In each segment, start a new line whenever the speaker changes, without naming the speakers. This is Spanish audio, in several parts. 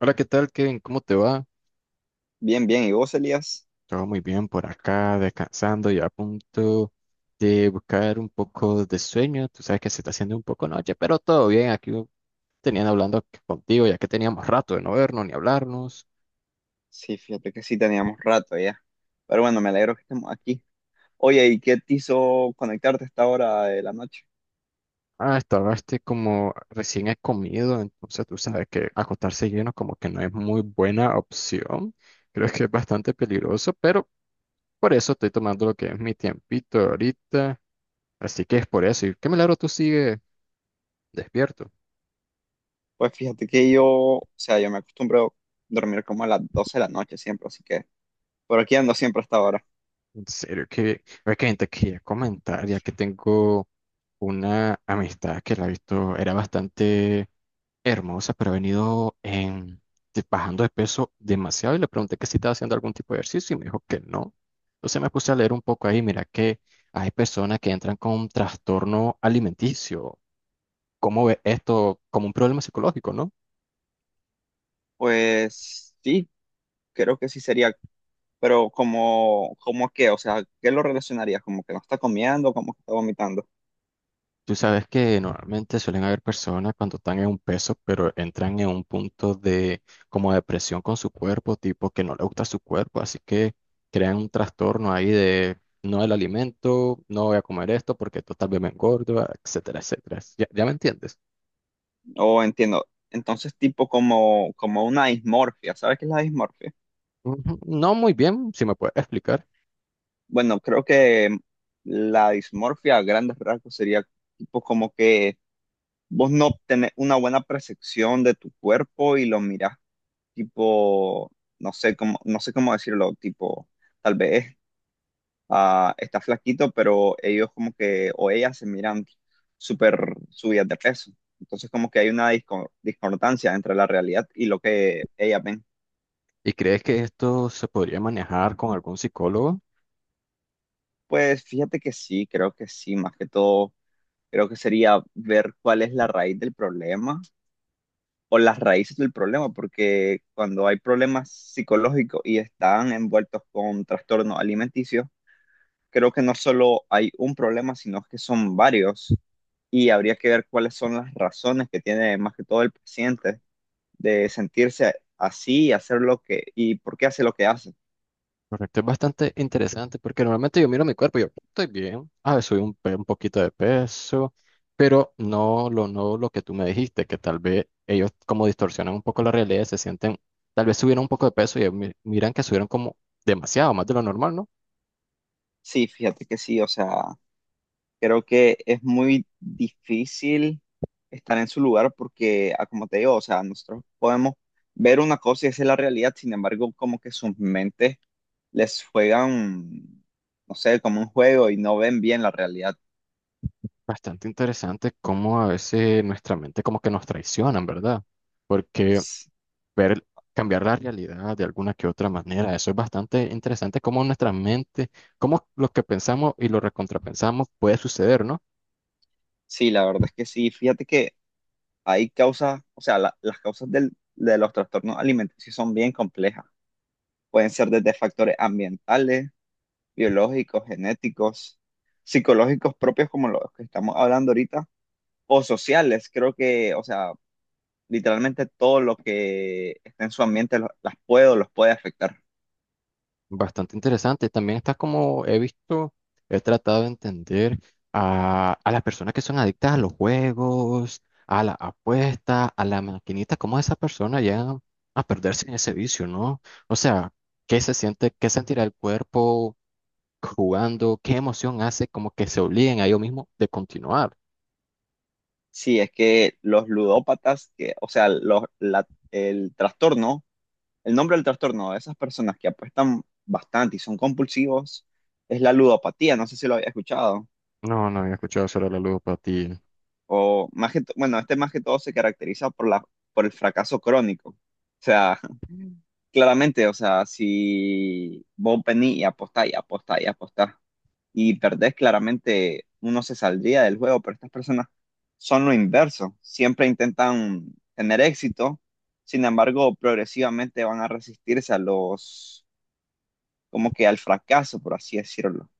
Hola, ¿qué tal, Kevin? ¿Cómo te va?
Bien, bien. ¿Y vos, Elías?
Todo muy bien por acá, descansando y a punto de buscar un poco de sueño. Tú sabes que se está haciendo un poco noche, pero todo bien. Aquí tenían hablando contigo, ya que teníamos rato de no vernos ni hablarnos.
Sí, fíjate que sí teníamos rato ya. Pero bueno, me alegro que estemos aquí. Oye, ¿y qué te hizo conectarte a esta hora de la noche?
Ah, estabas como recién he comido, entonces tú sabes que acostarse lleno como que no es muy buena opción. Creo que es bastante peligroso, pero por eso estoy tomando lo que es mi tiempito ahorita. Así que es por eso. ¿Y qué milagro tú sigues despierto?
Pues fíjate que yo, o sea, yo me acostumbro a dormir como a las 12 de la noche siempre, así que por aquí ando siempre a esta hora.
En serio, que es que te quería comentar, ya que tengo una amistad que la he visto, era bastante hermosa, pero ha venido bajando de peso demasiado y le pregunté que si estaba haciendo algún tipo de ejercicio y me dijo que no. Entonces me puse a leer un poco ahí, mira que hay personas que entran con trastorno alimenticio. ¿Cómo ve esto como un problema psicológico, no?
Pues sí, creo que sí sería, pero como, como qué, o sea, ¿qué lo relacionarías? ¿Como que no está comiendo, como que está vomitando?
Tú sabes que normalmente suelen haber personas cuando están en un peso, pero entran en un punto de como depresión con su cuerpo, tipo que no le gusta su cuerpo, así que crean un trastorno ahí de no el alimento, no voy a comer esto porque esto tal vez me engorda, etcétera, etcétera. ¿Ya me entiendes?
O entiendo, entonces tipo como, como una dismorfia, ¿sabes qué es la dismorfia?
Ujú. No muy bien, si me puedes explicar.
Bueno, creo que la dismorfia a grandes rasgos sería tipo como que vos no tenés una buena percepción de tu cuerpo y lo mirás tipo, no sé cómo, no sé cómo decirlo, tipo, tal vez está flaquito, pero ellos como que, o ellas se miran súper subidas de peso. Entonces como que hay una discordancia entre la realidad y lo que ellas ven.
¿Y crees que esto se podría manejar con algún psicólogo?
Pues fíjate que sí, creo que sí, más que todo, creo que sería ver cuál es la raíz del problema o las raíces del problema, porque cuando hay problemas psicológicos y están envueltos con trastornos alimenticios, creo que no solo hay un problema, sino que son varios y habría que ver cuáles son las razones que tiene más que todo el paciente de sentirse así y hacer lo que y por qué hace lo que hace.
Correcto, es bastante interesante porque normalmente yo miro mi cuerpo y yo estoy bien, ah, subí un poquito de peso, pero no lo que tú me dijiste, que tal vez ellos como distorsionan un poco la realidad, se sienten, tal vez subieron un poco de peso y ellos miran que subieron como demasiado, más de lo normal, ¿no?
Sí, fíjate que sí, o sea, creo que es muy difícil estar en su lugar porque, como te digo, o sea, nosotros podemos ver una cosa y esa es la realidad, sin embargo, como que sus mentes les juegan, no sé, como un juego y no ven bien la realidad.
Bastante interesante cómo a veces nuestra mente como que nos traicionan, ¿verdad? Porque
S-
ver, cambiar la realidad de alguna que otra manera. Eso es bastante interesante, cómo nuestra mente, cómo lo que pensamos y lo recontrapensamos puede suceder, ¿no?
Sí, la verdad es que sí. Fíjate que hay causas, o sea, las causas de los trastornos alimenticios son bien complejas. Pueden ser desde factores ambientales, biológicos, genéticos, psicológicos propios como los que estamos hablando ahorita o sociales, creo que, o sea, literalmente todo lo que está en su ambiente las puede o los puede afectar.
Bastante interesante. También está como he visto, he tratado de entender a las personas que son adictas a los juegos, a la apuesta, a la maquinita, cómo esas personas llegan a perderse en ese vicio, ¿no? O sea, ¿qué se siente, qué sentirá el cuerpo jugando? ¿Qué emoción hace como que se obliguen a ellos mismos de continuar?
Sí, es que los ludópatas, que, o sea, los, el trastorno, el nombre del trastorno de esas personas que apuestan bastante y son compulsivos es la ludopatía, no sé si lo había escuchado,
No, no había escuchado sobre la ludopatía.
o más que, bueno, este más que todo se caracteriza por la, por el fracaso crónico. O sea, claramente, o sea, si vos venís y apostás y apostás y apostás y perdés, claramente uno se saldría del juego, pero estas personas son lo inverso, siempre intentan tener éxito, sin embargo, progresivamente van a resistirse a los, como que al fracaso, por así decirlo,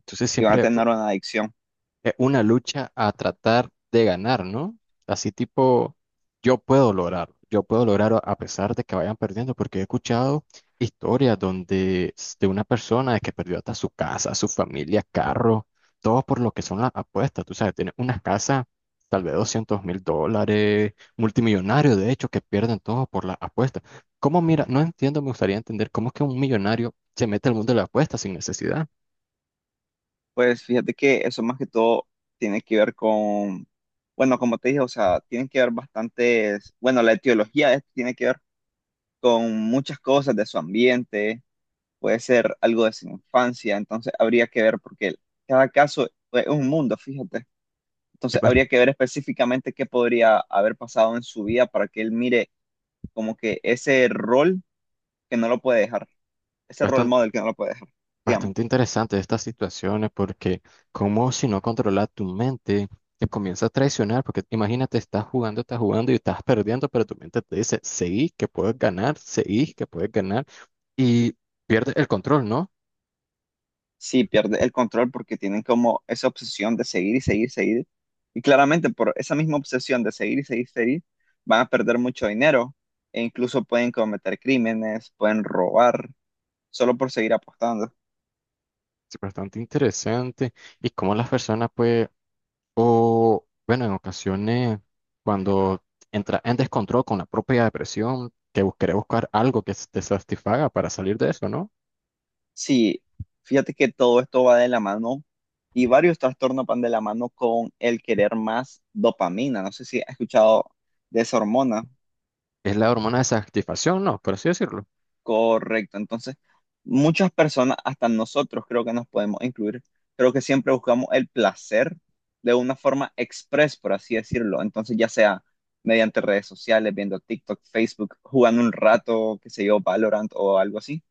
Entonces
y van a
siempre,
tener una adicción.
una lucha a tratar de ganar, ¿no? Así tipo, yo puedo lograrlo a pesar de que vayan perdiendo, porque he escuchado historias de una persona que perdió hasta su casa, su familia, carro, todo por lo que son las apuestas, tú sabes, tiene una casa tal vez $200,000, multimillonario de hecho, que pierden todo por las apuestas. ¿Cómo mira? No entiendo, me gustaría entender cómo es que un millonario se mete al mundo de las apuestas sin necesidad.
Pues fíjate que eso más que todo tiene que ver con, bueno, como te dije, o sea, tiene que ver bastantes, bueno, la etiología de esto tiene que ver con muchas cosas de su ambiente, puede ser algo de su infancia, entonces habría que ver porque cada caso es un mundo, fíjate.
Es
Entonces
bas-
habría que ver específicamente qué podría haber pasado en su vida para que él mire como que ese rol que no lo puede dejar, ese role
bastante
model que no lo puede dejar, digamos.
Bastante interesante estas situaciones porque como si no controlas tu mente, te comienza a traicionar porque imagínate, estás jugando y estás perdiendo, pero tu mente te dice, seguí que puedes ganar, seguí que puedes ganar y pierdes el control, ¿no?
Sí, pierde el control porque tienen como esa obsesión de seguir y seguir. Y claramente por esa misma obsesión de seguir y seguir, van a perder mucho dinero e incluso pueden cometer crímenes, pueden robar, solo por seguir apostando.
Es bastante interesante y cómo las personas pues, o bueno, en ocasiones cuando entras en descontrol con la propia depresión, que querés buscar algo que te satisfaga para salir de eso, ¿no?
Sí, fíjate que todo esto va de la mano y varios trastornos van de la mano con el querer más dopamina. No sé si has escuchado de esa hormona.
Es la hormona de satisfacción, ¿no? Por así decirlo.
Correcto, entonces muchas personas, hasta nosotros creo que nos podemos incluir, creo que siempre buscamos el placer de una forma express, por así decirlo, entonces ya sea mediante redes sociales, viendo TikTok, Facebook, jugando un rato, qué sé yo, Valorant o algo así.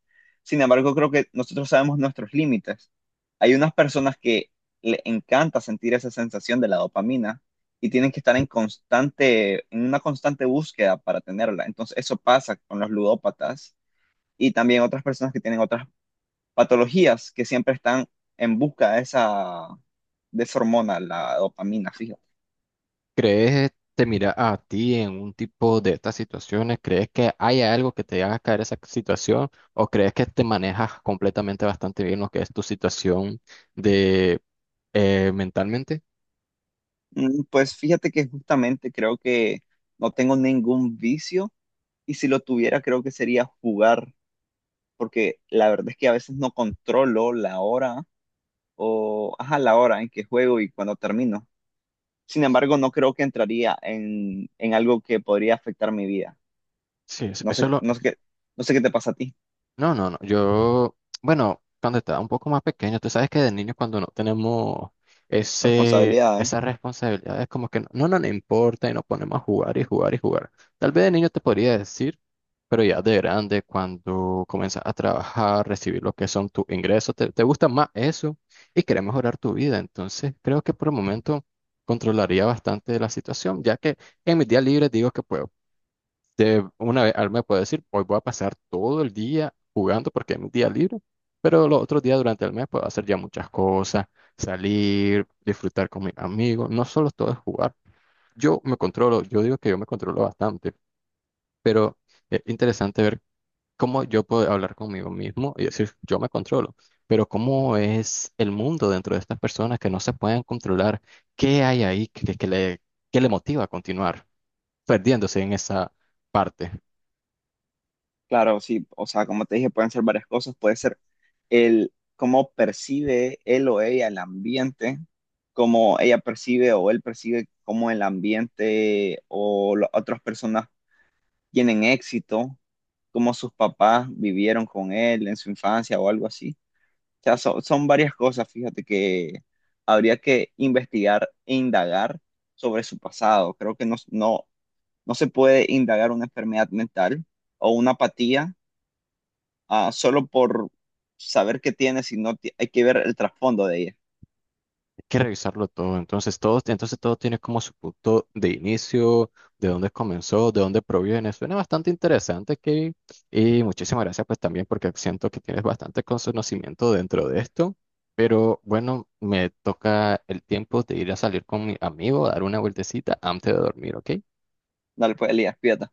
Sin embargo, creo que nosotros sabemos nuestros límites. Hay unas personas que le encanta sentir esa sensación de la dopamina y tienen que estar en constante, en una constante búsqueda para tenerla. Entonces, eso pasa con los ludópatas y también otras personas que tienen otras patologías que siempre están en busca de esa hormona, la dopamina, fíjate.
¿Crees, te mira a ti en un tipo de estas situaciones? ¿Crees que hay algo que te haga caer esa situación? ¿O crees que te manejas completamente bastante bien lo que es tu situación de mentalmente?
Pues fíjate que justamente creo que no tengo ningún vicio y si lo tuviera creo que sería jugar, porque la verdad es que a veces no controlo la hora o, ajá, la hora en que juego y cuando termino. Sin embargo, no creo que entraría en algo que podría afectar mi vida.
Sí,
No
eso
sé,
es lo…
no sé qué, no sé qué te pasa a ti.
No. Yo, bueno, cuando estaba un poco más pequeño, tú sabes que de niños cuando no tenemos
Responsabilidades.
esas responsabilidades, como que no importa y nos ponemos a jugar y jugar y jugar. Tal vez de niño te podría decir, pero ya de grande, cuando comienzas a trabajar, recibir lo que son tus ingresos, te gusta más eso y quieres mejorar tu vida. Entonces, creo que por el momento controlaría bastante la situación, ya que en mis días libres digo que puedo. De una vez, al me puede decir, hoy voy a pasar todo el día jugando porque es mi día libre, pero los otros días durante el mes puedo hacer ya muchas cosas, salir, disfrutar con mis amigos, no solo todo es jugar. Yo me controlo, yo digo que yo me controlo bastante, pero es interesante ver cómo yo puedo hablar conmigo mismo y decir, yo me controlo, pero cómo es el mundo dentro de estas personas que no se pueden controlar, qué hay ahí que le motiva a continuar perdiéndose en esa parte.
Claro, sí, o sea, como te dije, pueden ser varias cosas, puede ser el cómo percibe él o ella el ambiente, cómo ella percibe o él percibe cómo el ambiente o las otras personas tienen éxito, cómo sus papás vivieron con él en su infancia o algo así. O sea, son varias cosas, fíjate que habría que investigar e indagar sobre su pasado. Creo que no, no, no se puede indagar una enfermedad mental o una apatía solo por saber qué tienes y no hay que ver el trasfondo de ella.
Que revisarlo todo. Entonces todo tiene como su punto de inicio, de dónde comenzó, de dónde proviene. Suena bastante interesante, Kevin. Y muchísimas gracias pues también porque siento que tienes bastante conocimiento dentro de esto. Pero bueno, me toca el tiempo de ir a salir con mi amigo, dar una vueltecita antes de dormir, ¿ok?
Dale, pues, Elías, pídate.